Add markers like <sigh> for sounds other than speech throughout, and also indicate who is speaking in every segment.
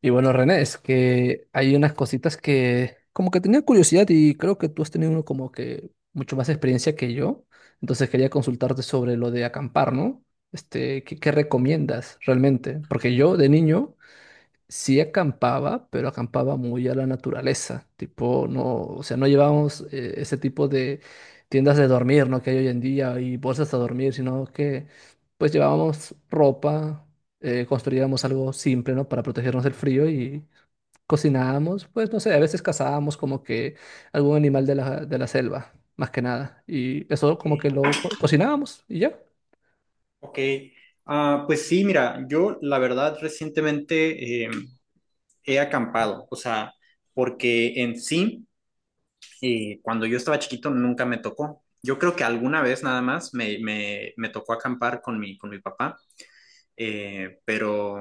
Speaker 1: Y bueno, René, es que hay unas cositas que como que tenía curiosidad y creo que tú has tenido uno como que mucho más experiencia que yo. Entonces quería consultarte sobre lo de acampar, ¿no? Este, ¿qué recomiendas realmente? Porque yo de niño sí acampaba, pero acampaba muy a la naturaleza, tipo, no, o sea, no llevábamos ese tipo de tiendas de dormir, ¿no? Que hay hoy en día y bolsas a dormir, sino que pues llevábamos ropa, construíamos algo simple, ¿no? Para protegernos del frío y cocinábamos, pues no sé, a veces cazábamos como que algún animal de la selva, más que nada, y eso
Speaker 2: Ok,
Speaker 1: como que lo cocinábamos y ya.
Speaker 2: ok. Ah, pues sí, mira, yo la verdad recientemente he acampado, o sea, porque en sí, cuando yo estaba chiquito nunca me tocó. Yo creo que alguna vez nada más me tocó acampar con mi papá, pero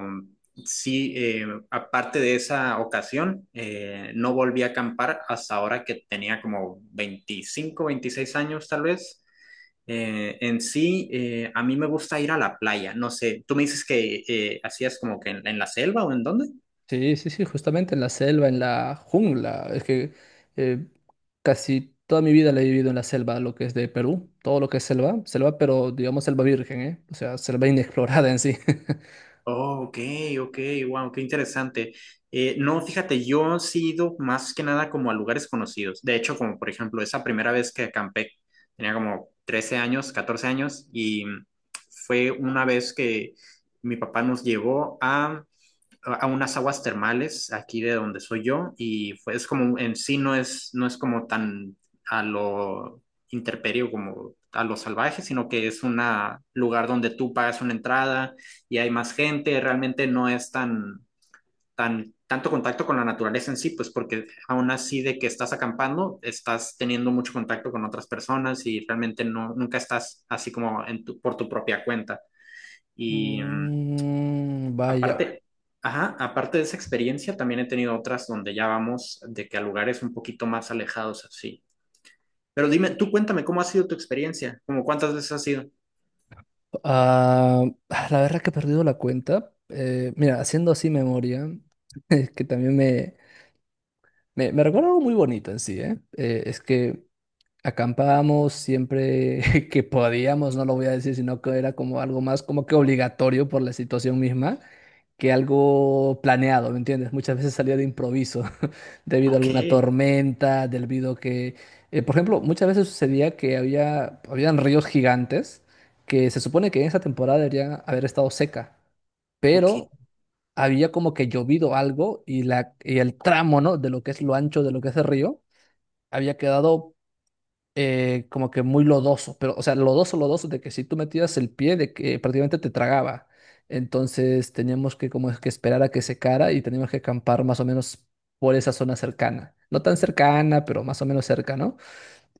Speaker 2: sí, aparte de esa ocasión, no volví a acampar hasta ahora que tenía como 25 26 años tal vez. En sí, a mí me gusta ir a la playa. No sé, tú me dices que hacías como que en la selva o en dónde.
Speaker 1: Sí, sí, sí, justamente en la selva, en la jungla. Es que eh, casi toda mi vida la he vivido en la selva, lo que es de Perú, todo lo que es selva, selva, pero digamos selva virgen, ¿eh? O sea, selva <laughs> inexplorada en sí. <laughs>
Speaker 2: Oh, ok, ok, wow, qué interesante. No, fíjate, yo sí he ido más que nada como a lugares conocidos. De hecho, como por ejemplo, esa primera vez que acampé, tenía como 13 años, 14 años, y fue una vez que mi papá nos llevó a unas aguas termales aquí de donde soy yo y fue, es como en sí no es como tan a lo interperio como a lo salvaje, sino que es un lugar donde tú pagas una entrada y hay más gente, realmente no es tanto contacto con la naturaleza en sí, pues porque aún así de que estás acampando, estás teniendo mucho contacto con otras personas y realmente no, nunca estás así como en por tu propia cuenta. Y mm,
Speaker 1: Mm, vaya.
Speaker 2: Aparte, ajá, aparte de esa experiencia, también he tenido otras donde ya vamos de que a lugares un poquito más alejados así. Pero dime, tú cuéntame, ¿cómo ha sido tu experiencia? ¿Cómo cuántas veces has ido?
Speaker 1: Ah, la verdad que he perdido la cuenta. Mira, haciendo así memoria, <laughs> es que también me recuerda algo muy bonito en sí, ¿eh? Es que acampábamos siempre <laughs> que podíamos, no lo voy a decir, sino que era como algo más como que obligatorio por la situación misma que algo planeado, ¿me entiendes? Muchas veces salía de improviso <laughs> debido a
Speaker 2: Ok,
Speaker 1: alguna tormenta, debido que, por ejemplo, muchas veces sucedía que habían ríos gigantes que se supone que en esa temporada debería haber estado seca,
Speaker 2: ok,
Speaker 1: pero había como que llovido algo y, y el tramo, ¿no? De lo que es lo ancho de lo que es el río, había quedado como que muy lodoso, pero, o sea, lodoso, lodoso, de que si tú metías el pie, de que prácticamente te tragaba. Entonces teníamos que como es que esperar a que secara y teníamos que acampar más o menos por esa zona cercana. No tan cercana, pero más o menos cerca, ¿no?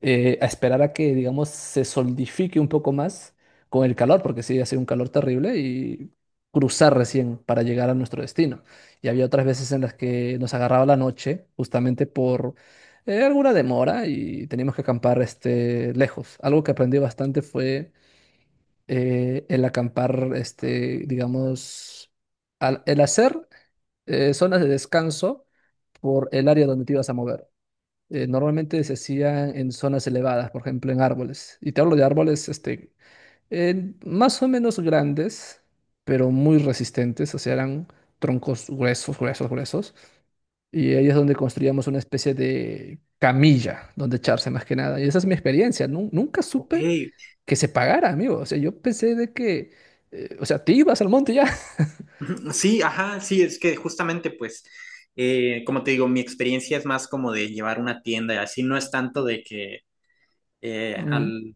Speaker 1: a esperar a que, digamos, se solidifique un poco más con el calor, porque sí, hacía un calor terrible y cruzar recién para llegar a nuestro destino. Y había otras veces en las que nos agarraba la noche, justamente por alguna demora y teníamos que acampar este, lejos. Algo que aprendí bastante fue el acampar, este, digamos, el hacer zonas de descanso por el área donde te ibas a mover. Normalmente se hacían en zonas elevadas, por ejemplo, en árboles. Y te hablo de árboles, este, más o menos grandes, pero muy resistentes, o sea, eran troncos gruesos, gruesos, gruesos. Y ahí es donde construíamos una especie de camilla donde echarse más que nada. Y esa es mi experiencia. Nunca
Speaker 2: ok.
Speaker 1: supe
Speaker 2: <clears throat>
Speaker 1: que se pagara, amigo. O sea, yo pensé de que, o sea, te ibas al monte ya. <laughs>
Speaker 2: Sí, ajá, sí, es que justamente pues, como te digo, mi experiencia es más como de llevar una tienda y así, no es tanto de que eh,
Speaker 1: Mm,
Speaker 2: al,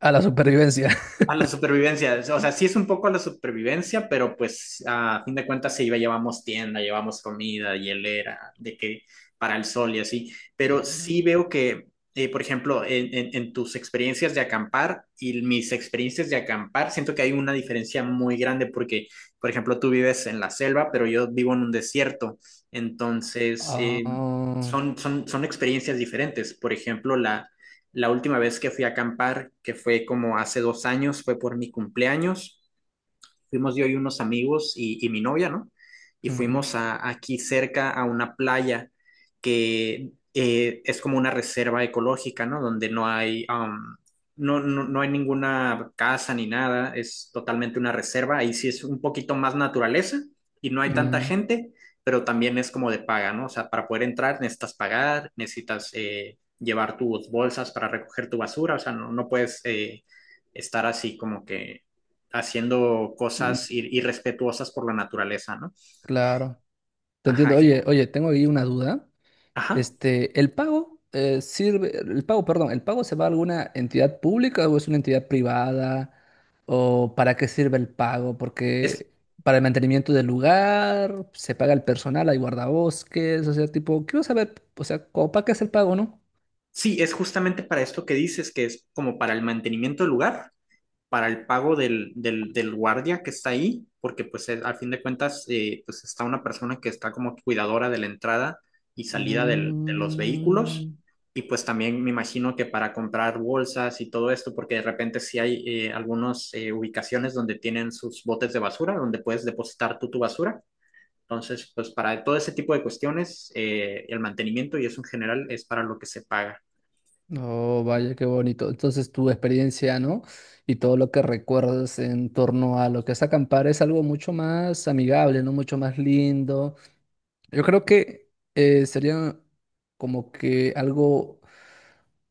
Speaker 1: a la supervivencia.
Speaker 2: a la supervivencia, o sea, sí es un poco a la supervivencia, pero pues a fin de cuentas se iba, llevamos tienda, llevamos comida, hielera, de que para el sol y así, pero sí
Speaker 1: <laughs>
Speaker 2: veo que, por ejemplo, en, en tus experiencias de acampar y mis experiencias de acampar, siento que hay una diferencia muy grande porque, por ejemplo, tú vives en la selva, pero yo vivo en un desierto, entonces
Speaker 1: Ah,
Speaker 2: son experiencias diferentes, por ejemplo, la última vez que fui a acampar, que fue como hace dos años, fue por mi cumpleaños, fuimos yo y unos amigos y mi novia, ¿no? Y
Speaker 1: mm,
Speaker 2: fuimos a, aquí cerca a una playa que es como una reserva ecológica, ¿no? Donde no hay, um, no, no, no hay ninguna casa ni nada, es totalmente una reserva. Ahí sí es un poquito más naturaleza y no hay tanta
Speaker 1: mm,
Speaker 2: gente, pero también es como de paga, ¿no? O sea, para poder entrar necesitas pagar, necesitas llevar tus bolsas para recoger tu basura, o sea, no puedes estar así como que haciendo
Speaker 1: mm,
Speaker 2: cosas ir irrespetuosas por la naturaleza, ¿no?
Speaker 1: claro. Te
Speaker 2: Ajá,
Speaker 1: entiendo. Oye, oye, tengo ahí una duda.
Speaker 2: ajá.
Speaker 1: Este, ¿el pago sirve, el pago, perdón, el pago se va a alguna entidad pública o es una entidad privada? ¿O para qué sirve el pago?
Speaker 2: Es,
Speaker 1: Porque para el mantenimiento del lugar, se paga el personal, hay guardabosques, o sea, tipo, quiero saber, o sea, como, ¿para qué es el pago, no?
Speaker 2: sí, es justamente para esto que dices, que es como para el mantenimiento del lugar, para el pago del guardia que está ahí, porque pues es, al fin de cuentas, pues está una persona que está como cuidadora de la entrada y salida de los vehículos.
Speaker 1: Mm.
Speaker 2: Y pues también me imagino que para comprar bolsas y todo esto, porque de repente sí hay algunas ubicaciones donde tienen sus botes de basura, donde puedes depositar tú tu basura. Entonces, pues para todo ese tipo de cuestiones, el mantenimiento y eso en general es para lo que se paga.
Speaker 1: Oh, vaya, qué bonito. Entonces, tu experiencia, ¿no? Y todo lo que recuerdas en torno a lo que es acampar es algo mucho más amigable, ¿no? Mucho más lindo. Yo creo que sería como que algo,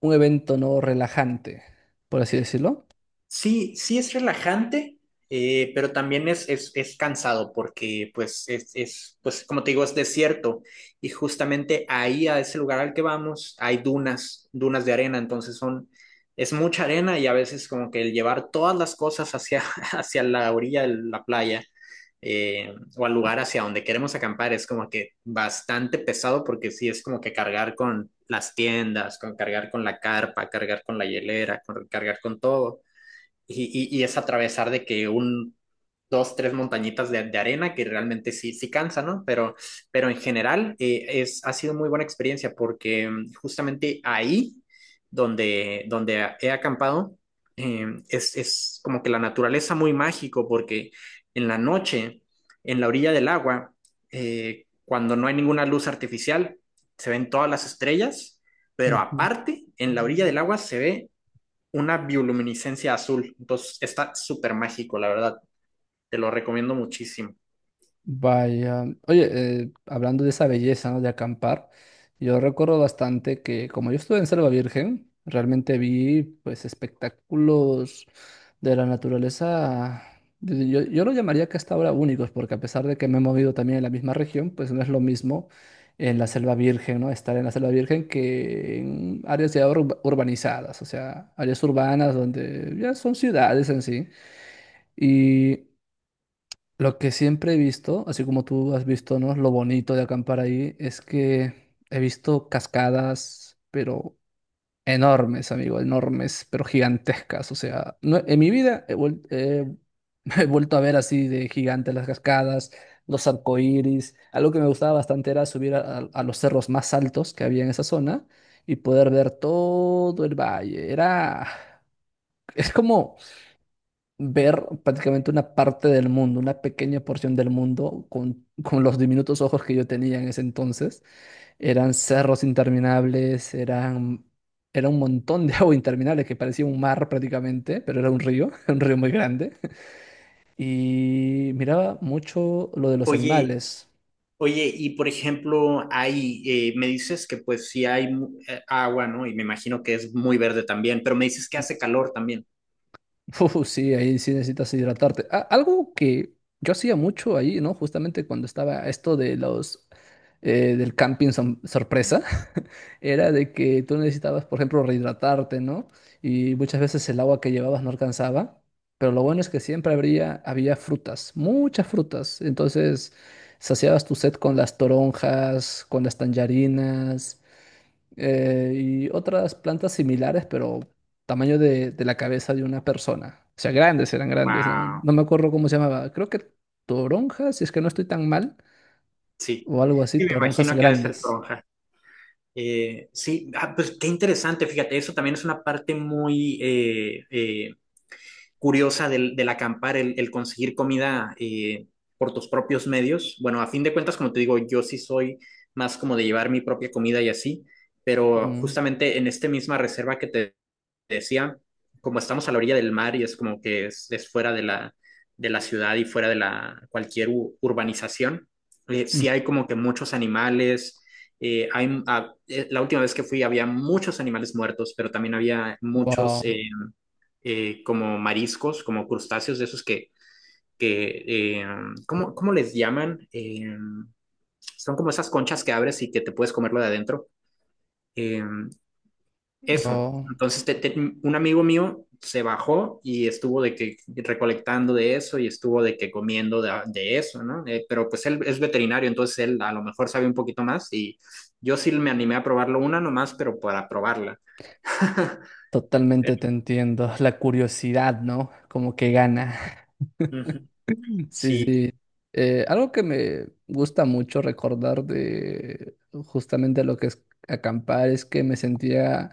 Speaker 1: un evento, ¿no? Relajante, por así decirlo.
Speaker 2: Sí, sí es relajante, pero también es cansado porque, pues, pues, como te digo, es desierto y justamente ahí, a ese lugar al que vamos, hay dunas, dunas de arena, entonces son, es mucha arena y a veces como que el llevar todas las cosas hacia, <laughs> hacia la orilla de la playa o al lugar hacia donde queremos acampar es como que bastante pesado porque sí es como que cargar con las tiendas, con cargar con la carpa, cargar con la hielera, cargar con todo. Y, y es atravesar de que un, dos, tres montañitas de arena que realmente sí, sí cansa, ¿no? Pero en general ha sido muy buena experiencia porque justamente ahí donde he acampado es como que la naturaleza muy mágico porque en la noche, en la orilla del agua, cuando no hay ninguna luz artificial, se ven todas las estrellas, pero
Speaker 1: Ujú.
Speaker 2: aparte, en la orilla del agua se ve una bioluminiscencia azul. Entonces está súper mágico, la verdad. Te lo recomiendo muchísimo.
Speaker 1: Vaya, oye, hablando de esa belleza, ¿no? De acampar, yo recuerdo bastante que como yo estuve en Selva Virgen, realmente vi pues espectáculos de la naturaleza, yo lo llamaría que hasta ahora únicos, porque a pesar de que me he movido también en la misma región, pues no es lo mismo en la Selva Virgen, ¿no? Estar en la Selva Virgen que en áreas ya urbanizadas, o sea, áreas urbanas donde ya son ciudades en sí. Y lo que siempre he visto, así como tú has visto, ¿no? Lo bonito de acampar ahí es que he visto cascadas, pero enormes, amigo, enormes, pero gigantescas. O sea, en mi vida <laughs> he vuelto a ver así de gigantes las cascadas, los arcoíris. Algo que me gustaba bastante era subir a los cerros más altos que había en esa zona y poder ver todo el valle. Era, es como ver prácticamente una parte del mundo, una pequeña porción del mundo con los diminutos ojos que yo tenía en ese entonces. Eran cerros interminables, eran, era un montón de <laughs> agua interminable que parecía un mar prácticamente, pero era un río, <laughs> un río muy grande. Y miraba mucho lo de los
Speaker 2: Oye,
Speaker 1: animales.
Speaker 2: oye, y por ejemplo, me dices que pues sí hay agua, ¿no? Y me imagino que es muy verde también, pero me dices que
Speaker 1: Mm.
Speaker 2: hace calor también.
Speaker 1: Uf, sí, ahí sí necesitas hidratarte. Algo que yo hacía mucho ahí, ¿no? Justamente cuando estaba esto de los... del camping sorpresa. Era de que tú necesitabas, por ejemplo, rehidratarte, ¿no? Y muchas veces el agua que llevabas no alcanzaba, pero lo bueno es que siempre había frutas, muchas frutas. Entonces, saciabas tu sed con las toronjas, con las tangerinas, y otras plantas similares, pero tamaño de la cabeza de una persona. O sea, grandes, eran grandes, ¿no?
Speaker 2: Wow,
Speaker 1: No me acuerdo cómo se llamaba. Creo que toronjas, si es que no estoy tan mal,
Speaker 2: sí.
Speaker 1: o algo así,
Speaker 2: Sí, me
Speaker 1: toronjas
Speaker 2: imagino que ha de ser
Speaker 1: grandes.
Speaker 2: toronja. Sí, ah, pues qué interesante, fíjate, eso también es una parte muy curiosa del acampar, el conseguir comida por tus propios medios. Bueno, a fin de cuentas, como te digo, yo sí soy más como de llevar mi propia comida y así, pero
Speaker 1: Mm,
Speaker 2: justamente en esta misma reserva que te decía, como estamos a la orilla del mar y es como que es fuera de la ciudad y fuera de la cualquier urbanización, sí
Speaker 1: mm.
Speaker 2: hay como que muchos animales. La última vez que fui había muchos animales muertos, pero también había muchos
Speaker 1: Wow.
Speaker 2: como mariscos, como crustáceos de esos que ¿cómo les llaman? Son como esas conchas que abres y que te puedes comerlo de adentro. Eh, Eso.
Speaker 1: No,
Speaker 2: Entonces, un amigo mío se bajó y estuvo de que recolectando de eso y estuvo de que comiendo de eso, ¿no? Pero pues él es veterinario, entonces él a lo mejor sabe un poquito más y yo sí me animé a probarlo una nomás, pero para probarla. <laughs>
Speaker 1: totalmente
Speaker 2: Pero,
Speaker 1: te entiendo. <laughs> La curiosidad, ¿no? Como que gana. <laughs>
Speaker 2: ujú,
Speaker 1: Sí,
Speaker 2: sí.
Speaker 1: sí. Algo que me gusta mucho recordar de justamente lo que es acampar es que me sentía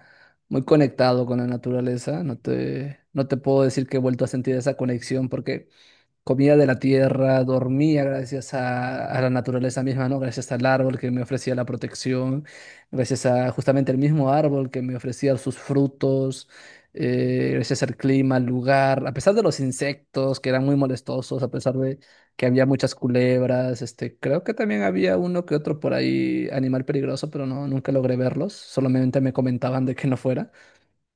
Speaker 1: muy conectado con la naturaleza. No te puedo decir que he vuelto a sentir esa conexión porque comía de la tierra, dormía gracias a la naturaleza misma, ¿no? Gracias al árbol que me ofrecía la protección, gracias a justamente el mismo árbol que me ofrecía sus frutos, gracias al clima, al lugar, a pesar de los insectos que eran muy molestosos, a pesar de que había muchas culebras, este, creo que también había uno que otro por ahí animal peligroso, pero no, nunca logré verlos, solamente me comentaban de que no fuera.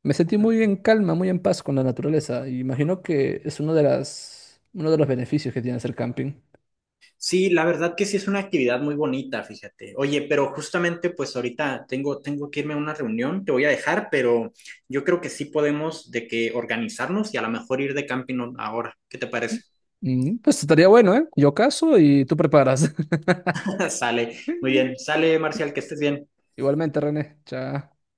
Speaker 1: Me sentí muy en calma, muy en paz con la naturaleza. Y imagino que es uno de uno de los beneficios que tiene hacer camping.
Speaker 2: Sí, la verdad que sí es una actividad muy bonita, fíjate. Oye, pero justamente pues ahorita tengo que irme a una reunión, te voy a dejar, pero yo creo que sí podemos de que organizarnos y a lo mejor ir de camping ahora. ¿Qué te parece?
Speaker 1: Mm, pues estaría bueno, ¿eh? Yo caso y tú preparas.
Speaker 2: <laughs> Sale, muy bien.
Speaker 1: <laughs>
Speaker 2: Sale, Marcial, que estés bien.
Speaker 1: Igualmente, René. Chao.